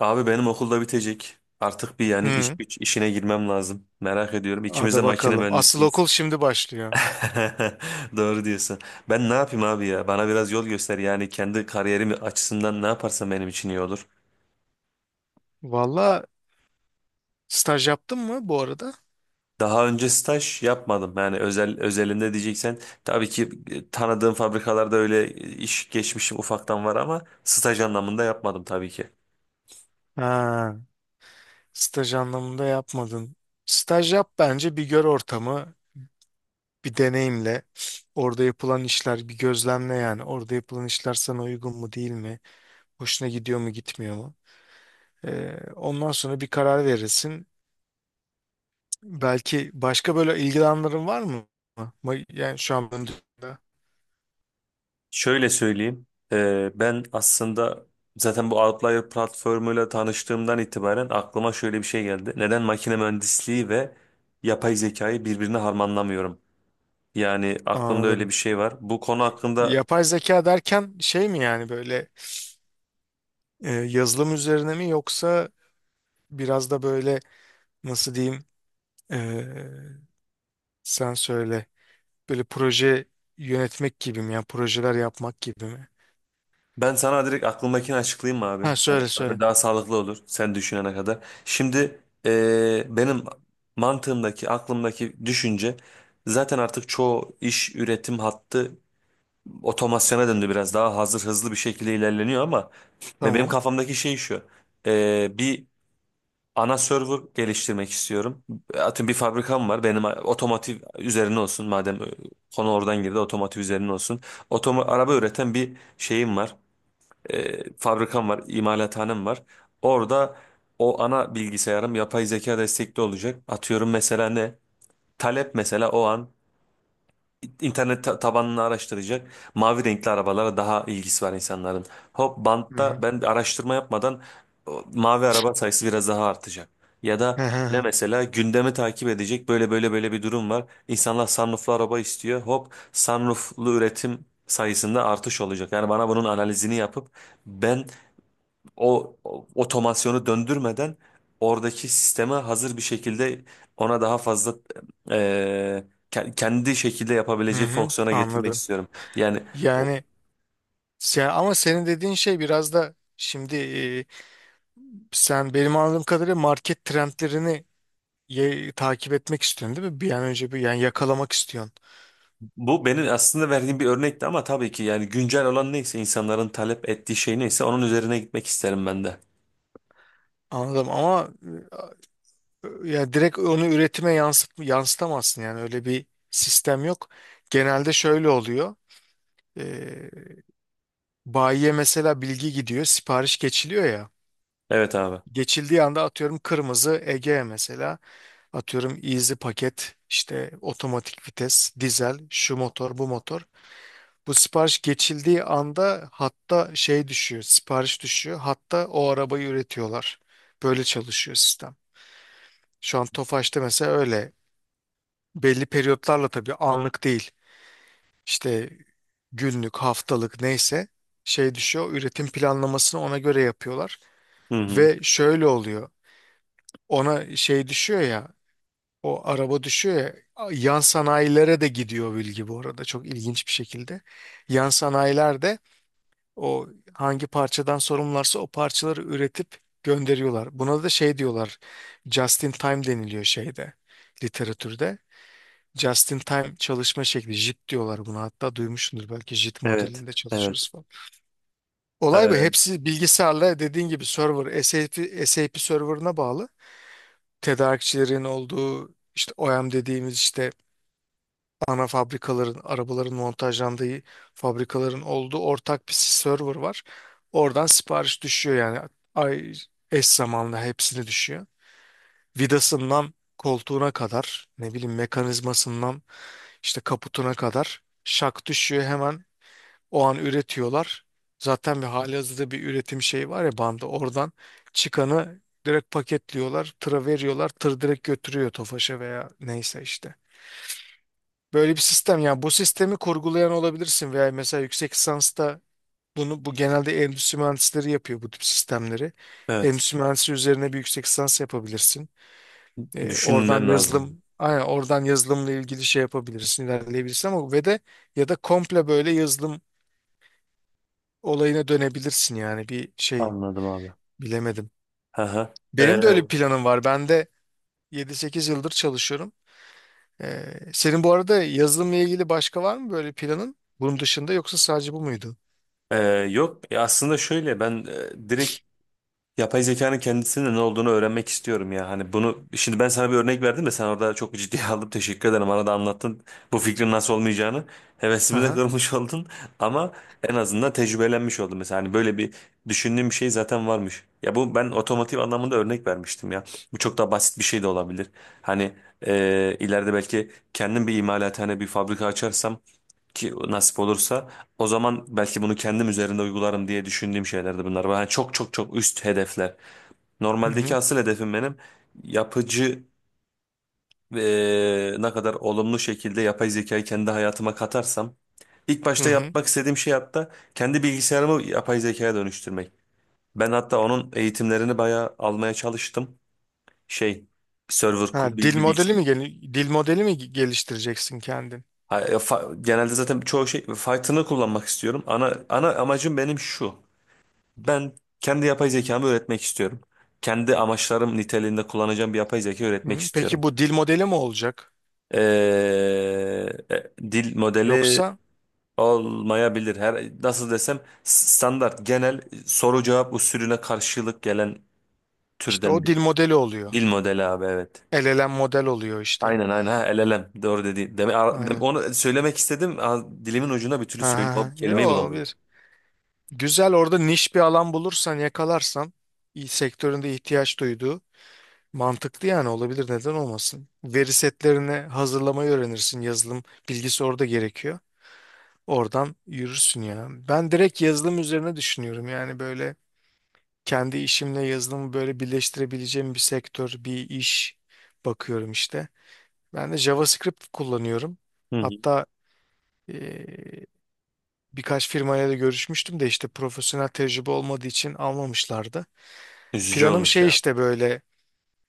Abi benim okulda bitecek. Artık bir yani iş Hı, güç işine girmem lazım. Merak ediyorum. İkimiz de hadi makine bakalım. Asıl mühendisiyiz. okul şimdi başlıyor. Doğru diyorsun. Ben ne yapayım abi ya? Bana biraz yol göster. Yani kendi kariyerim açısından ne yaparsam benim için iyi olur. Valla, staj yaptın mı bu arada? Daha önce staj yapmadım. Yani özel özelinde diyeceksen tabii ki tanıdığım fabrikalarda öyle iş geçmişim ufaktan var ama staj anlamında yapmadım tabii ki. Ha, staj anlamında yapmadın. Staj yap, bence bir gör ortamı, bir deneyimle. Orada yapılan işler bir gözlemle yani. Orada yapılan işler sana uygun mu değil mi? Hoşuna gidiyor mu gitmiyor mu? Ondan sonra bir karar verirsin. Belki başka böyle ilgili var mı? Yani şu an Şöyle söyleyeyim. Ben aslında zaten bu Outlier platformuyla tanıştığımdan itibaren aklıma şöyle bir şey geldi. Neden makine mühendisliği ve yapay zekayı birbirine harmanlamıyorum? Yani aklımda öyle anladım. bir şey var. Bu konu hakkında Yapay zeka derken şey mi, yani böyle E, yazılım üzerine mi, yoksa biraz da böyle nasıl diyeyim, e, sen söyle, böyle proje yönetmek gibi mi, yani projeler yapmak gibi mi? ben sana direkt aklımdakini açıklayayım mı abi? Ha, Hani söyle söyle. daha sağlıklı olur sen düşünene kadar. Şimdi benim mantığımdaki, aklımdaki düşünce, zaten artık çoğu iş üretim hattı otomasyona döndü, biraz daha hazır hızlı bir şekilde ilerleniyor ama ve benim Tamam. kafamdaki şey şu. Bir ana server geliştirmek istiyorum. Atın bir fabrikam var benim, otomotiv üzerine olsun madem, konu oradan girdi, otomotiv üzerine olsun. Araba üreten bir şeyim var. Fabrikam var, imalathanem var, orada o ana bilgisayarım yapay zeka destekli olacak. Atıyorum mesela ne talep, mesela o an tabanını araştıracak. Mavi renkli arabalara daha ilgisi var insanların. Hop, Hı bantta hı. ben de araştırma yapmadan mavi araba sayısı biraz daha artacak. Ya da Hı ne, hı. mesela gündemi takip edecek, böyle böyle böyle bir durum var. İnsanlar sunrooflu araba istiyor. Hop, sunrooflu üretim sayısında artış olacak. Yani bana bunun analizini yapıp ben o otomasyonu döndürmeden oradaki sisteme hazır bir şekilde ona daha fazla e, kendi şekilde yapabileceği fonksiyona getirmek Anladım. istiyorum. Yani o- Yani sen, ama senin dediğin şey biraz da şimdi, sen benim anladığım kadarıyla market trendlerini takip etmek istiyorsun değil mi? Bir an önce bir yani yakalamak istiyorsun. Bu benim aslında verdiğim bir örnekti ama tabii ki, yani güncel olan neyse, insanların talep ettiği şey neyse onun üzerine gitmek isterim ben de. Anladım ama e, yani direkt onu üretime yansıtamazsın, yani öyle bir sistem yok. Genelde şöyle oluyor. Ee, Bayiye mesela bilgi gidiyor, sipariş geçiliyor ya. Evet abi. Geçildiği anda atıyorum kırmızı Ege mesela, atıyorum easy paket, işte otomatik vites, dizel, şu motor, bu motor. Bu sipariş geçildiği anda hatta şey düşüyor, sipariş düşüyor. Hatta o arabayı üretiyorlar. Böyle çalışıyor sistem. Şu an Tofaş'ta mesela öyle, belli periyotlarla, tabii anlık değil. İşte günlük, haftalık neyse şey düşüyor. Üretim planlamasını ona göre yapıyorlar. Hı hı. Ve şöyle oluyor. Ona şey düşüyor ya, o araba düşüyor ya, yan sanayilere de gidiyor bilgi bu arada, çok ilginç bir şekilde. Yan sanayiler de o hangi parçadan sorumlularsa o parçaları üretip gönderiyorlar. Buna da şey diyorlar, just in time deniliyor şeyde, literatürde. Just in time çalışma şekli. JIT diyorlar buna. Hatta duymuşsundur belki JIT Evet. modelinde Evet. çalışıyoruz falan. Olay bu. Ee, Hepsi bilgisayarla, dediğin gibi server SAP, SAP serverına bağlı. Tedarikçilerin olduğu, işte OEM dediğimiz, işte ana fabrikaların, arabaların montajlandığı fabrikaların olduğu ortak bir server var. Oradan sipariş düşüyor, yani ay, eş zamanlı hepsini düşüyor. Vidasından koltuğuna kadar, ne bileyim, mekanizmasından, İşte kaputuna kadar. Şak düşüyor, hemen o an üretiyorlar. Zaten bir halihazırda bir üretim şeyi var ya, bandı. Oradan çıkanı direkt paketliyorlar, tıra veriyorlar. Tır direkt götürüyor Tofaş'a veya neyse işte. Böyle bir sistem, yani bu sistemi kurgulayan olabilirsin veya mesela yüksek lisansta bunu, bu genelde endüstri mühendisleri yapıyor, bu tip sistemleri. evet. Endüstri mühendisi üzerine bir yüksek lisans yapabilirsin. Oradan Düşünmem lazım. yazılım, aynen oradan yazılımla ilgili şey yapabilirsin, ilerleyebilirsin, ama ve de ya da komple böyle yazılım olayına dönebilirsin, yani bir şey Anladım abi. bilemedim. Hı hı. Benim de öyle bir planım var. Ben de yedi sekiz yıldır çalışıyorum. E, senin bu arada yazılımla ilgili başka var mı böyle planın? Bunun dışında yoksa sadece bu muydu? e, yok, aslında şöyle ben direkt yapay zekanın kendisinin ne olduğunu öğrenmek istiyorum ya. Hani bunu şimdi ben sana bir örnek verdim de sen orada çok ciddiye aldın. Teşekkür ederim. Bana da anlattın bu fikrin nasıl olmayacağını. Hevesimi de Aha. kırmış oldun ama en azından tecrübelenmiş oldum. Mesela hani böyle bir düşündüğüm bir şey zaten varmış. Ya bu, ben otomotiv anlamında örnek vermiştim ya. Bu çok daha basit bir şey de olabilir. Hani ileride belki kendim bir imalathane, bir fabrika açarsam, ki nasip olursa, o zaman belki bunu kendim üzerinde uygularım diye düşündüğüm şeylerdi bunlar. Yani çok çok çok üst hedefler. Hı Normaldeki hı. asıl hedefim benim yapıcı, ne kadar olumlu şekilde yapay zekayı kendi hayatıma katarsam. İlk Hı başta hı. yapmak istediğim şey hatta kendi bilgisayarımı yapay zekaya dönüştürmek. Ben hatta onun eğitimlerini bayağı almaya çalıştım. Şey server kur- Ha, bir, bir bilgis- dil modeli mi geliştireceksin kendin? Genelde zaten çoğu şey Python'ı kullanmak istiyorum. Ana amacım benim şu. Ben kendi yapay zekamı öğretmek istiyorum. Kendi amaçlarım niteliğinde kullanacağım bir yapay zeka öğretmek Hı. istiyorum. Peki bu dil modeli mi olacak? Ee, dil modeli Yoksa olmayabilir. Her, nasıl desem, standart genel soru cevap usulüne karşılık gelen işte türden o bir dil modeli oluyor. dil modeli abi, evet. El elem model oluyor işte. Aynen ha, LLM, doğru dedi. Aynen. Onu söylemek istedim. Dilimin ucuna bir türlü Ha, söyle, ha, o ha. Yo, kelimeyi bulamadım. olabilir. Güzel, orada niş bir alan bulursan, yakalarsan, sektöründe ihtiyaç duyduğu, mantıklı yani, olabilir, neden olmasın. Veri setlerini hazırlamayı öğrenirsin. Yazılım bilgisi orada gerekiyor. Oradan yürürsün ya. Ben direkt yazılım üzerine düşünüyorum. Yani böyle kendi işimle yazılımı böyle birleştirebileceğim bir sektör, bir iş bakıyorum işte. Ben de JavaScript kullanıyorum. Hı hı. Hatta birkaç firmayla da görüşmüştüm de işte profesyonel tecrübe olmadığı için almamışlardı. Üzücü Planım olmuş şey, ya. işte böyle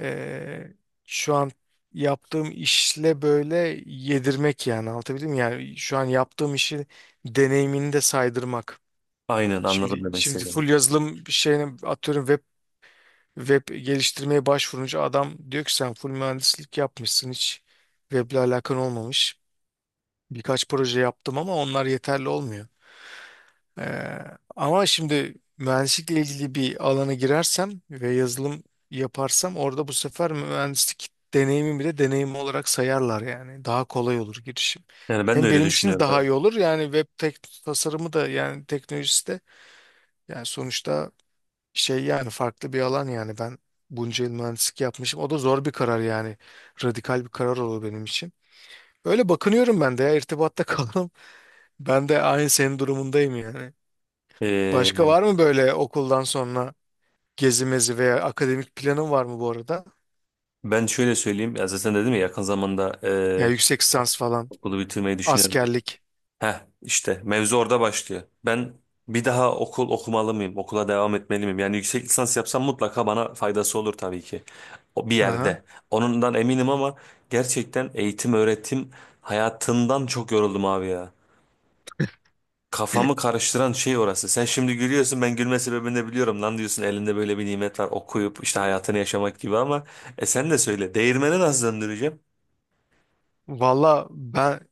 eee, şu an yaptığım işle böyle yedirmek, yani anlatabildim mi? Yani şu an yaptığım işi, deneyimini de saydırmak. Aynen, anladım Şimdi demek şimdi istediğimi. full yazılım şeyine, atıyorum web, web geliştirmeye başvurunca adam diyor ki sen full mühendislik yapmışsın, hiç weble alakan olmamış. Birkaç proje yaptım ama onlar yeterli olmuyor. Ee, Ama şimdi mühendislikle ilgili bir alana girersem ve yazılım yaparsam, orada bu sefer mühendislik deneyimi bile deneyim olarak sayarlar yani. Daha kolay olur girişim. Yani ben de Hem öyle benim için de düşünüyorum. daha iyi Evet. olur yani. Web tek tasarımı da yani, teknolojisi de yani, sonuçta şey yani, farklı bir alan yani, ben bunca yıl mühendislik yapmışım. O da zor bir karar yani. Radikal bir karar olur benim için. Öyle bakınıyorum ben de ya, irtibatta kalalım. Ben de aynı senin durumundayım yani. Başka Ee, var mı böyle okuldan sonra gezi mezi veya akademik planın var mı bu arada? ben şöyle söyleyeyim. Ya zaten dedim ya, yakın zamanda Ya yüksek lisans falan, okulu bitirmeyi düşünüyorum diye. askerlik. Heh, işte mevzu orada başlıyor. Ben bir daha okul okumalı mıyım? Okula devam etmeli miyim? Yani yüksek lisans yapsam mutlaka bana faydası olur tabii ki. O bir Aha. yerde. Onundan eminim ama gerçekten eğitim öğretim hayatından çok yoruldum abi ya. Kafamı karıştıran şey orası. Sen şimdi gülüyorsun, ben gülme sebebini de biliyorum. Lan diyorsun, elinde böyle bir nimet var, okuyup işte hayatını yaşamak gibi ama sen de söyle, değirmeni nasıl döndüreceğim? Valla ben,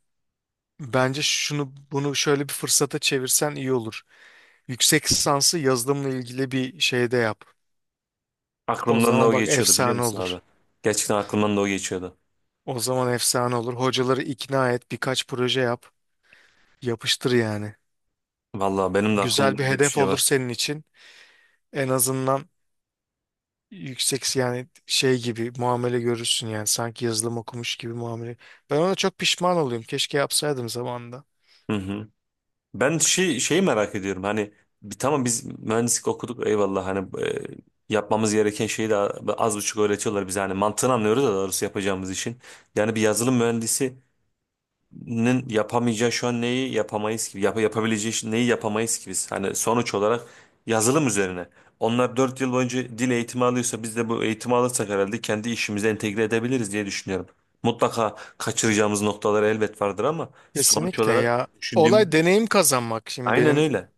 bence şunu bunu şöyle bir fırsata çevirsen iyi olur. Yüksek lisansı yazılımla ilgili bir şeyde yap. O Aklımdan da zaman o bak, geçiyordu, biliyor efsane musun olur. abi? Gerçekten aklımdan da o geçiyordu. O zaman efsane olur. Hocaları ikna et, birkaç proje yap. Yapıştır yani. Vallahi benim de Güzel aklımda bir öyle bir hedef şey olur var. senin için. En azından yüksek, yani şey gibi muamele görürsün yani, sanki yazılım okumuş gibi muamele. Ben ona çok pişman oluyorum. Keşke yapsaydım zamanında. Hı hı. Ben şeyi merak ediyorum, hani bir, tamam biz mühendislik okuduk, eyvallah, hani yapmamız gereken şeyi de az buçuk öğretiyorlar bize, hani mantığını anlıyoruz da doğrusu yapacağımız işin. Yani bir yazılım mühendisi nin yapamayacağı, şu an neyi yapamayız gibi, yapabileceği neyi yapamayız gibi, hani sonuç olarak yazılım üzerine, onlar 4 yıl boyunca dil eğitimi alıyorsa biz de bu eğitimi alırsak herhalde kendi işimize entegre edebiliriz diye düşünüyorum. Mutlaka kaçıracağımız noktalar elbet vardır ama sonuç Kesinlikle olarak ya. Olay düşündüğümüzde, deneyim kazanmak. Şimdi aynen benim öyle.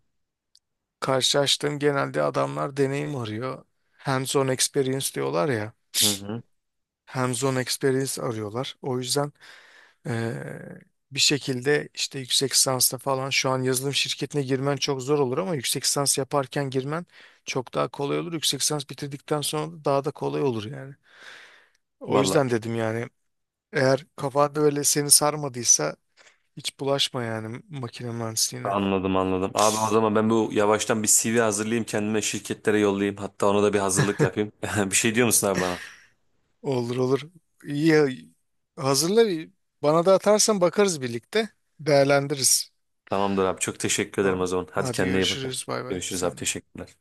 karşılaştığım, genelde adamlar deneyim arıyor. Hands-on experience diyorlar ya. Hı hı. Hands-on experience arıyorlar. O yüzden eee, bir şekilde işte yüksek lisansla falan şu an yazılım şirketine girmen çok zor olur, ama yüksek lisans yaparken girmen çok daha kolay olur. Yüksek lisans bitirdikten sonra da daha da kolay olur yani. O Valla yüzden dedim yani, eğer kafanda öyle seni sarmadıysa hiç bulaşma yani makine mühendisliğine. anladım, anladım abi. O zaman ben bu yavaştan bir CV hazırlayayım kendime, şirketlere yollayayım, hatta ona da bir hazırlık yapayım. Bir şey diyor musun abi bana? Olur olur. İyi ya, hazırla, bana da atarsan bakarız birlikte, değerlendiririz. Tamamdır abi, çok teşekkür ederim o Tamam. zaman. Hadi Hadi kendine iyi bak. görüşürüz, bay bay Görüşürüz abi, sen. de. teşekkürler.